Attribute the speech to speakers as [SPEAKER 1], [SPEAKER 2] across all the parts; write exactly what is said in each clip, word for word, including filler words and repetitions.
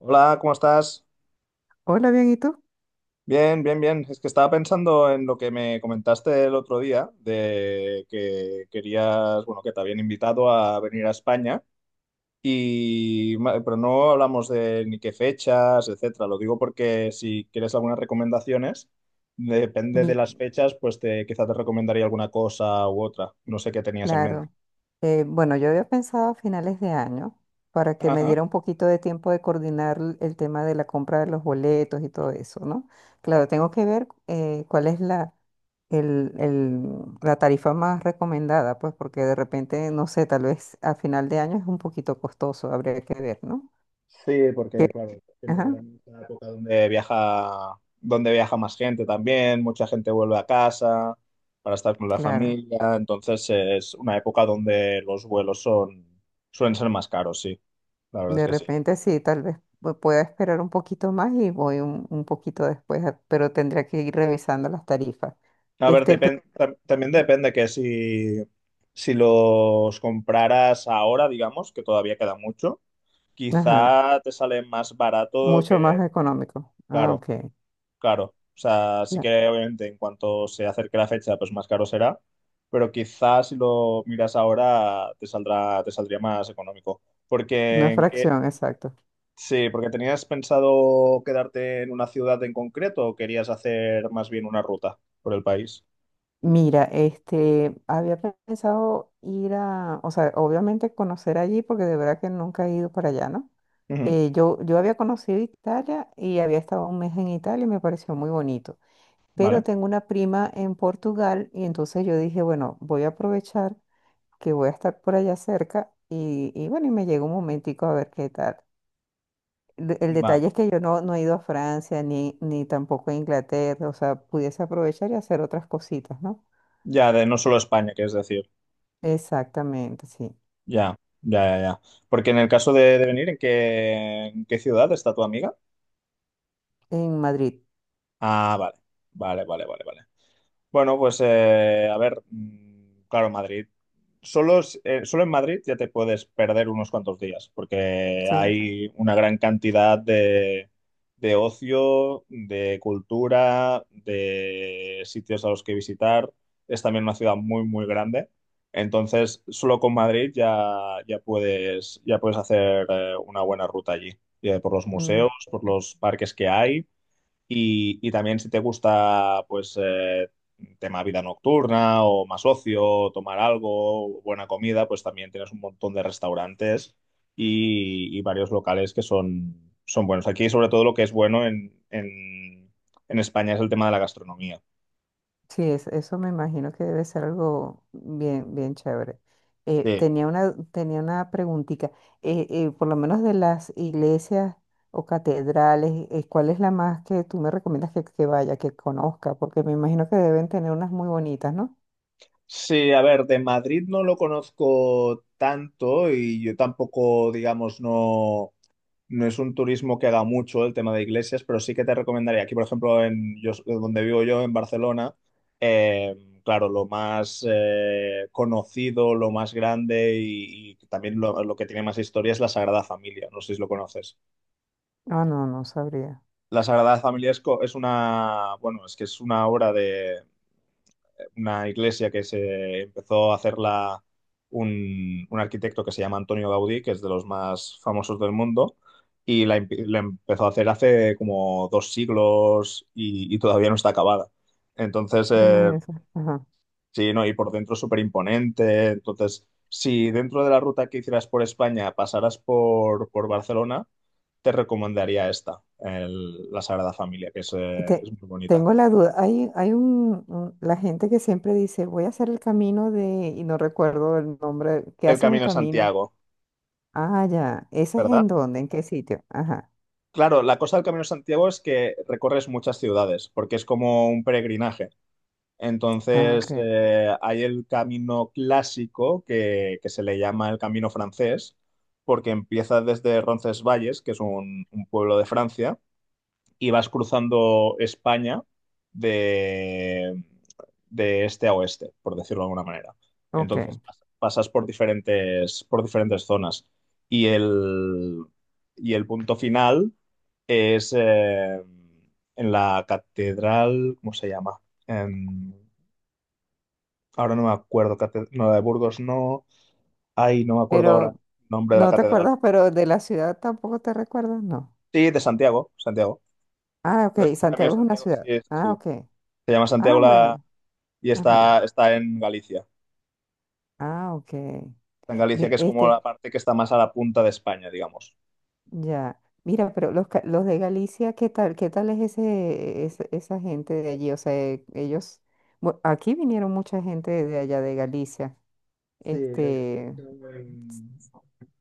[SPEAKER 1] Hola, ¿cómo estás?
[SPEAKER 2] Hola, bien, ¿y tú?
[SPEAKER 1] Bien, bien, bien. Es que estaba pensando en lo que me comentaste el otro día, de que querías, bueno, que te habían invitado a venir a España, y, ma- pero no hablamos de ni qué fechas, etcétera. Lo digo porque si quieres algunas recomendaciones, depende de las
[SPEAKER 2] Y
[SPEAKER 1] fechas, pues te, quizá te recomendaría alguna cosa u otra. No sé qué tenías en mente.
[SPEAKER 2] claro, eh, bueno, yo había pensado a finales de año para que me
[SPEAKER 1] Ajá.
[SPEAKER 2] diera un poquito de tiempo de coordinar l- el tema de la compra de los boletos y todo eso, ¿no? Claro, tengo que ver eh, cuál es la, el, el- la tarifa más recomendada, pues porque de repente, no sé, tal vez a final de año es un poquito costoso, habría que ver, ¿no?
[SPEAKER 1] Sí,
[SPEAKER 2] Que-
[SPEAKER 1] porque claro, piensa
[SPEAKER 2] Ajá,
[SPEAKER 1] que era una época donde viaja, donde viaja más gente también, mucha gente vuelve a casa para estar con la
[SPEAKER 2] claro.
[SPEAKER 1] familia, entonces es una época donde los vuelos son, suelen ser más caros, sí, la verdad es
[SPEAKER 2] De
[SPEAKER 1] que sí.
[SPEAKER 2] repente sí, tal vez pu- pueda esperar un poquito más y voy un, un poquito después, a- pero tendría que ir revisando las tarifas.
[SPEAKER 1] A ver,
[SPEAKER 2] Este, pe-
[SPEAKER 1] depen- tam- también depende que si, si los compraras ahora, digamos, que todavía queda mucho,
[SPEAKER 2] ajá,
[SPEAKER 1] quizá te sale más barato que,
[SPEAKER 2] mucho más económico. Ah,
[SPEAKER 1] claro.
[SPEAKER 2] ok.
[SPEAKER 1] Claro, o sea, sí que
[SPEAKER 2] la-
[SPEAKER 1] obviamente en cuanto se acerque la fecha, pues más caro será, pero quizás si lo miras ahora te saldrá, te saldría más económico. Porque
[SPEAKER 2] una
[SPEAKER 1] en qué-
[SPEAKER 2] fracción, exacto.
[SPEAKER 1] sí, porque tenías pensado quedarte en una ciudad en concreto o querías hacer más bien una ruta por el país.
[SPEAKER 2] Mira, este, había pensado ir a, o sea, obviamente conocer allí, porque de verdad que nunca he ido para allá, ¿no?
[SPEAKER 1] Ujú,
[SPEAKER 2] Eh, yo, yo había conocido Italia y había estado un mes en Italia y me pareció muy bonito. Pero
[SPEAKER 1] vale,
[SPEAKER 2] tengo una prima en Portugal y entonces yo dije, bueno, voy a aprovechar que voy a estar por allá cerca y, y bueno, y me llegó un momentico a ver qué tal. El, el
[SPEAKER 1] va.
[SPEAKER 2] detalle es que yo no, no he ido a Francia ni, ni tampoco a Inglaterra, o sea, pudiese aprovechar y hacer otras cositas, ¿no?
[SPEAKER 1] Ya de no solo España, que es decir,
[SPEAKER 2] Exactamente, sí.
[SPEAKER 1] ya, ya, ya, ya. Porque en el caso de, de venir, ¿en qué, en qué ciudad está tu amiga?
[SPEAKER 2] En Madrid,
[SPEAKER 1] Ah, vale, vale, vale, vale, vale. Bueno, pues eh, a ver, mm, claro, Madrid. Solo, es- eh, solo en Madrid ya te puedes perder unos cuantos días, porque
[SPEAKER 2] sí.
[SPEAKER 1] hay una gran cantidad de, de ocio, de cultura, de sitios a los que visitar. Es también una ciudad muy, muy grande. Entonces, solo con Madrid ya, ya puedes, ya puedes hacer eh, una buena ruta allí, eh, por los
[SPEAKER 2] Mm.
[SPEAKER 1] museos, por los parques que hay y, y también si te gusta, pues, eh, tema vida nocturna o más ocio, tomar algo, buena comida, pues también tienes un montón de restaurantes y, y varios locales que son, son buenos. Aquí, sobre todo, lo que es bueno en, en, en España es el tema de la gastronomía.
[SPEAKER 2] Sí, es- eso me imagino que debe ser algo bien, bien chévere. Eh,
[SPEAKER 1] Sí.
[SPEAKER 2] tenía una, tenía una preguntita. Eh, eh, por lo menos de las iglesias o catedrales, eh, ¿cuál es la más que tú me recomiendas que, que vaya, que conozca? Porque me imagino que deben tener unas muy bonitas, ¿no?
[SPEAKER 1] Sí, a ver, de Madrid no lo conozco tanto y yo tampoco, digamos, no. No es un turismo que haga mucho el tema de iglesias, pero sí que te recomendaría, aquí por ejemplo, en yo, donde vivo yo, en Barcelona, eh, claro, lo más eh, conocido, lo más grande y, y también lo, lo que tiene más historia es la Sagrada Familia, no sé si lo conoces.
[SPEAKER 2] Ah, no, no sabría.
[SPEAKER 1] La Sagrada Familia es, co- es una, bueno, es que es una obra de, una iglesia que se empezó a hacerla un, un arquitecto que se llama Antonio Gaudí, que es de los más famosos del mundo, y la, empe- la empezó a hacer hace como dos siglos y, y todavía no está acabada. Entonces,
[SPEAKER 2] Ah,
[SPEAKER 1] eh,
[SPEAKER 2] imagínese. Ajá.
[SPEAKER 1] sí, no, y por dentro es súper imponente. Entonces, si dentro de la ruta que hicieras por España pasaras por, por Barcelona, te recomendaría esta, el- la Sagrada Familia, que es,
[SPEAKER 2] Y
[SPEAKER 1] eh, es
[SPEAKER 2] te-
[SPEAKER 1] muy bonita.
[SPEAKER 2] Tengo la duda. Hay, hay un, un- la gente que siempre dice, voy a hacer el camino de, y no recuerdo el nombre, que
[SPEAKER 1] El
[SPEAKER 2] hace un
[SPEAKER 1] Camino de
[SPEAKER 2] camino.
[SPEAKER 1] Santiago,
[SPEAKER 2] Ah, ya. ¿Ese es
[SPEAKER 1] ¿verdad?
[SPEAKER 2] en dónde? ¿En qué sitio? Ajá.
[SPEAKER 1] Claro, la cosa del Camino de Santiago es que recorres muchas ciudades, porque es como un peregrinaje.
[SPEAKER 2] Ah,
[SPEAKER 1] Entonces,
[SPEAKER 2] ok.
[SPEAKER 1] eh, hay el camino clásico que, que se le llama el Camino francés, porque empieza desde Roncesvalles, que es un, un pueblo de Francia, y vas cruzando España de, de este a oeste, por decirlo de alguna manera. Entonces
[SPEAKER 2] Ok.
[SPEAKER 1] pas- pasas por diferentes, por diferentes zonas. Y el, y el punto final es eh, en la catedral, ¿cómo se llama? En- ahora no me acuerdo, cate- no, la de Burgos no. Ay, no me acuerdo ahora
[SPEAKER 2] Pero,
[SPEAKER 1] el nombre de la
[SPEAKER 2] ¿no te
[SPEAKER 1] catedral.
[SPEAKER 2] acuerdas? Pero de la ciudad tampoco te recuerdas, no.
[SPEAKER 1] Sí, de Santiago, Santiago.
[SPEAKER 2] Ah,
[SPEAKER 1] El
[SPEAKER 2] ok.
[SPEAKER 1] Camino de
[SPEAKER 2] Santiago es una
[SPEAKER 1] Santiago, sí,
[SPEAKER 2] ciudad.
[SPEAKER 1] sí,
[SPEAKER 2] Ah,
[SPEAKER 1] sí.
[SPEAKER 2] ok.
[SPEAKER 1] Se llama
[SPEAKER 2] Ah,
[SPEAKER 1] Santiago la,
[SPEAKER 2] bueno.
[SPEAKER 1] y
[SPEAKER 2] Ajá.
[SPEAKER 1] está, está en Galicia.
[SPEAKER 2] Ah, ok.
[SPEAKER 1] Está en Galicia,
[SPEAKER 2] Mi-
[SPEAKER 1] que es como la
[SPEAKER 2] Este,
[SPEAKER 1] parte que está más a la punta de España, digamos.
[SPEAKER 2] ya. Mira, pero los, ca- los de Galicia, ¿qué tal? ¿Qué tal es ese, ese- esa gente de allí? O sea, eh, ellos, bu- aquí vinieron mucha gente de allá de Galicia.
[SPEAKER 1] Sí, de hecho,
[SPEAKER 2] Este, s-
[SPEAKER 1] en-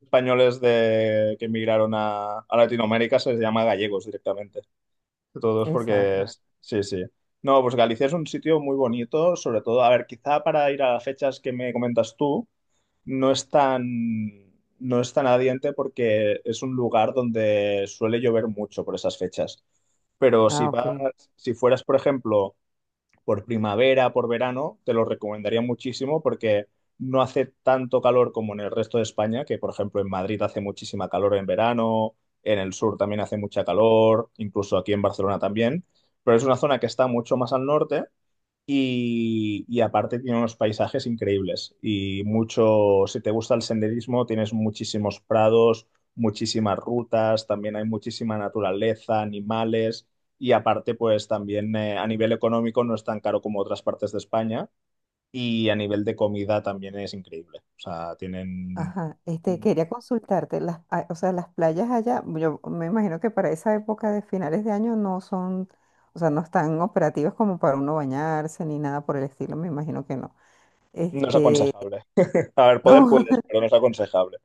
[SPEAKER 1] españoles de, que emigraron a, a Latinoamérica se les llama gallegos directamente. Todos porque,
[SPEAKER 2] exacto.
[SPEAKER 1] es- sí, sí. No, pues Galicia es un sitio muy bonito, sobre todo, a ver, quizá para ir a las fechas que me comentas tú, no es tan, no es tan adiente porque es un lugar donde suele llover mucho por esas fechas. Pero si
[SPEAKER 2] Ah, ok.
[SPEAKER 1] vas, si fueras, por ejemplo, por primavera, por verano, te lo recomendaría muchísimo porque no hace tanto calor como en el resto de España, que por ejemplo en Madrid hace muchísima calor en verano, en el sur también hace mucha calor, incluso aquí en Barcelona también, pero es una zona que está mucho más al norte y, y aparte tiene unos paisajes increíbles y mucho, si te gusta el senderismo, tienes muchísimos prados, muchísimas rutas, también hay muchísima naturaleza, animales y aparte pues también eh, a nivel económico no es tan caro como otras partes de España y a nivel de comida también es increíble. O sea, tienen...
[SPEAKER 2] Ajá, este, quería consultarte, las, ah, o sea, las playas allá, yo me imagino que para esa época de finales de año no son, o sea, no están operativas como para uno bañarse ni nada por el estilo, me imagino que no.
[SPEAKER 1] No es
[SPEAKER 2] Este,
[SPEAKER 1] aconsejable. A ver, poder
[SPEAKER 2] no,
[SPEAKER 1] puedes, pero no es aconsejable.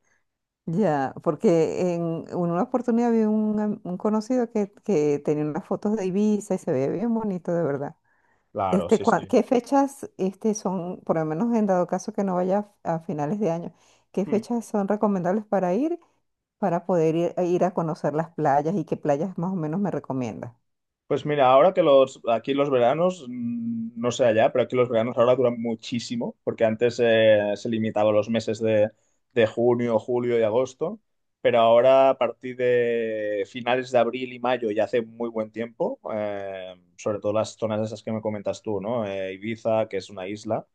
[SPEAKER 2] ya, porque en en una oportunidad vi un, am- un conocido que, que tenía unas fotos de Ibiza y se veía bien bonito, de verdad.
[SPEAKER 1] Claro,
[SPEAKER 2] Este,
[SPEAKER 1] sí,
[SPEAKER 2] cua-
[SPEAKER 1] sí.
[SPEAKER 2] ¿qué fechas, este, son, por lo menos en dado caso que no vaya a finales de año, qué fechas son recomendables para ir? Para poder ir, ir a conocer las playas y qué playas más o menos me recomiendas.
[SPEAKER 1] Pues mira, ahora que los, aquí los veranos, mm, no sé allá, pero aquí los veranos ahora duran muchísimo, porque antes eh, se limitaba a los meses de, de junio, julio y agosto, pero ahora a partir de finales de abril y mayo ya hace muy buen tiempo, eh, sobre todo las zonas esas que me comentas tú, ¿no? Eh, Ibiza, que es una isla,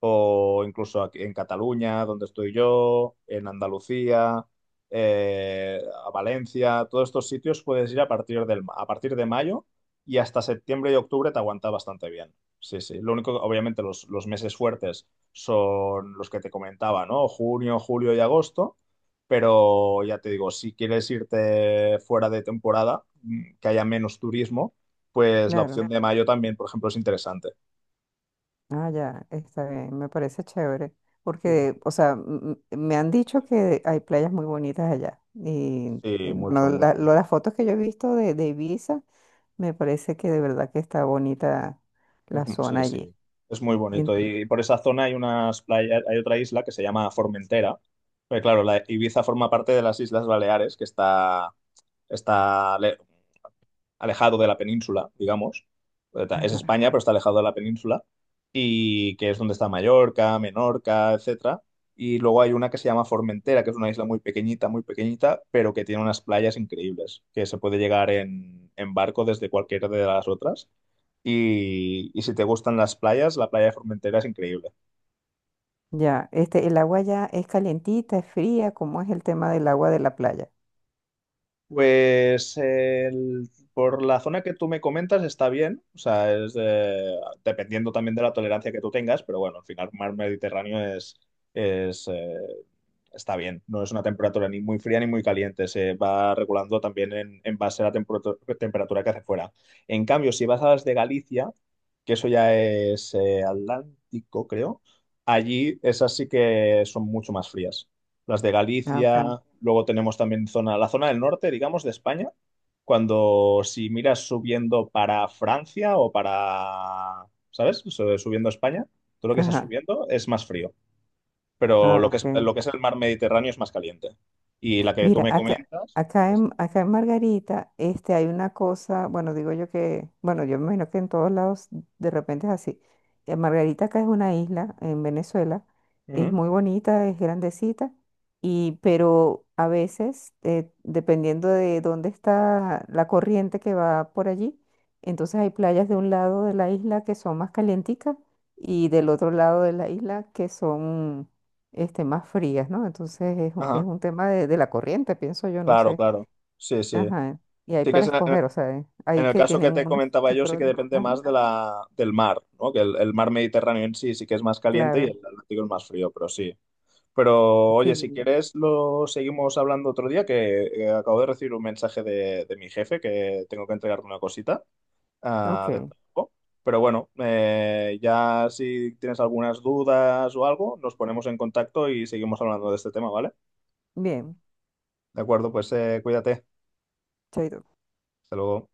[SPEAKER 1] o incluso aquí en Cataluña, donde estoy yo, en Andalucía, eh, a Valencia, todos estos sitios puedes ir a partir del, ma- a partir de mayo y hasta septiembre y octubre te aguanta bastante bien. Sí, sí. Lo único, obviamente, los, los meses fuertes son los que te comentaba, ¿no? Junio, julio y agosto. Pero ya te digo, si quieres irte fuera de temporada, mm, que haya menos turismo, pues la
[SPEAKER 2] Claro.
[SPEAKER 1] opción de mayo también, por ejemplo, es interesante.
[SPEAKER 2] Ah, ya, está bien, me parece chévere.
[SPEAKER 1] Sí, mucho.
[SPEAKER 2] Porque, o sea, m- m- me han dicho que hay playas muy bonitas allá. Y, y
[SPEAKER 1] Sí, mucho,
[SPEAKER 2] bueno, la-
[SPEAKER 1] mucho.
[SPEAKER 2] lo- las fotos que yo he visto de, de Ibiza, me parece que de verdad que está bonita
[SPEAKER 1] Es
[SPEAKER 2] la
[SPEAKER 1] mu- sí,
[SPEAKER 2] zona allí.
[SPEAKER 1] sí, es muy
[SPEAKER 2] En-
[SPEAKER 1] bonito. Y por esa zona hay unas playas, hay otra isla que se llama Formentera. Pero claro, la Ibiza forma parte de las Islas Baleares, que está está ale- alejado de la península, digamos. Es
[SPEAKER 2] ajá,
[SPEAKER 1] España, pero está alejado de la península. Y que es donde está Mallorca, Menorca, etcétera. Y luego hay una que se llama Formentera, que es una isla muy pequeñita, muy pequeñita, pero que tiene unas playas increíbles, que se puede llegar en, en barco desde cualquiera de las otras. Y, y si te gustan las playas, la playa de Formentera es increíble.
[SPEAKER 2] ya, este, el agua ya es calientita, es fría, ¿cómo es el tema del agua de la playa?
[SPEAKER 1] Pues el- por la zona que tú me comentas está bien, o sea, es eh, dependiendo también de la tolerancia que tú tengas, pero bueno, al final mar Mediterráneo es, es, eh, está bien, no es una temperatura ni muy fría ni muy caliente, se va regulando también en, en base a la temperatura, temperatura que hace fuera. En cambio, si vas a las de Galicia, que eso ya es eh, Atlántico, creo, allí esas sí que son mucho más frías las de
[SPEAKER 2] Ah, ok.
[SPEAKER 1] Galicia, luego tenemos también zona, la zona del norte, digamos, de España, cuando si miras subiendo para Francia o para, ¿sabes? Su- Subiendo a España, todo lo que estás
[SPEAKER 2] Ajá.
[SPEAKER 1] subiendo es más frío, pero
[SPEAKER 2] Ah,
[SPEAKER 1] lo que es,
[SPEAKER 2] ok.
[SPEAKER 1] lo que es el mar Mediterráneo es más caliente. Y la que tú
[SPEAKER 2] Mira,
[SPEAKER 1] me
[SPEAKER 2] acá,
[SPEAKER 1] comentas,
[SPEAKER 2] acá
[SPEAKER 1] tienes-
[SPEAKER 2] en, acá en Margarita, este, hay una cosa, bueno, digo yo que, bueno, yo me imagino que en todos lados de repente es así. Eh, Margarita acá es una isla en Venezuela, es
[SPEAKER 1] Ujú.
[SPEAKER 2] muy bonita, es grandecita, y, pero a veces, eh, dependiendo de dónde está la corriente que va por allí, entonces hay playas de un lado de la isla que son más calienticas y del otro lado de la isla que son este, más frías, ¿no? Entonces es, un- es
[SPEAKER 1] Ajá,
[SPEAKER 2] un tema de, de la corriente, pienso yo, no
[SPEAKER 1] claro,
[SPEAKER 2] sé.
[SPEAKER 1] claro. Sí, sí.
[SPEAKER 2] Ajá. Y hay
[SPEAKER 1] Sí que
[SPEAKER 2] para
[SPEAKER 1] es en el,
[SPEAKER 2] escoger, o sea, eh,
[SPEAKER 1] en
[SPEAKER 2] hay
[SPEAKER 1] el
[SPEAKER 2] que
[SPEAKER 1] caso
[SPEAKER 2] tienen
[SPEAKER 1] que te
[SPEAKER 2] unos
[SPEAKER 1] comentaba
[SPEAKER 2] sus
[SPEAKER 1] yo, sí que
[SPEAKER 2] problemas.
[SPEAKER 1] depende
[SPEAKER 2] Ajá,
[SPEAKER 1] más de la, del mar, ¿no? Que el, el mar Mediterráneo en sí sí que es más caliente y
[SPEAKER 2] claro.
[SPEAKER 1] el Atlántico es más frío, pero sí. Pero oye, si
[SPEAKER 2] Sí.
[SPEAKER 1] quieres lo seguimos hablando otro día, que eh, acabo de recibir un mensaje de, de mi jefe que tengo que entregarle una cosita ah, del
[SPEAKER 2] Ok.
[SPEAKER 1] trabajo. Pero bueno, eh, ya si tienes algunas dudas o algo, nos ponemos en contacto y seguimos hablando de este tema, ¿vale?
[SPEAKER 2] Bien.
[SPEAKER 1] De acuerdo, pues eh, cuídate.
[SPEAKER 2] Chaito.
[SPEAKER 1] Hasta luego.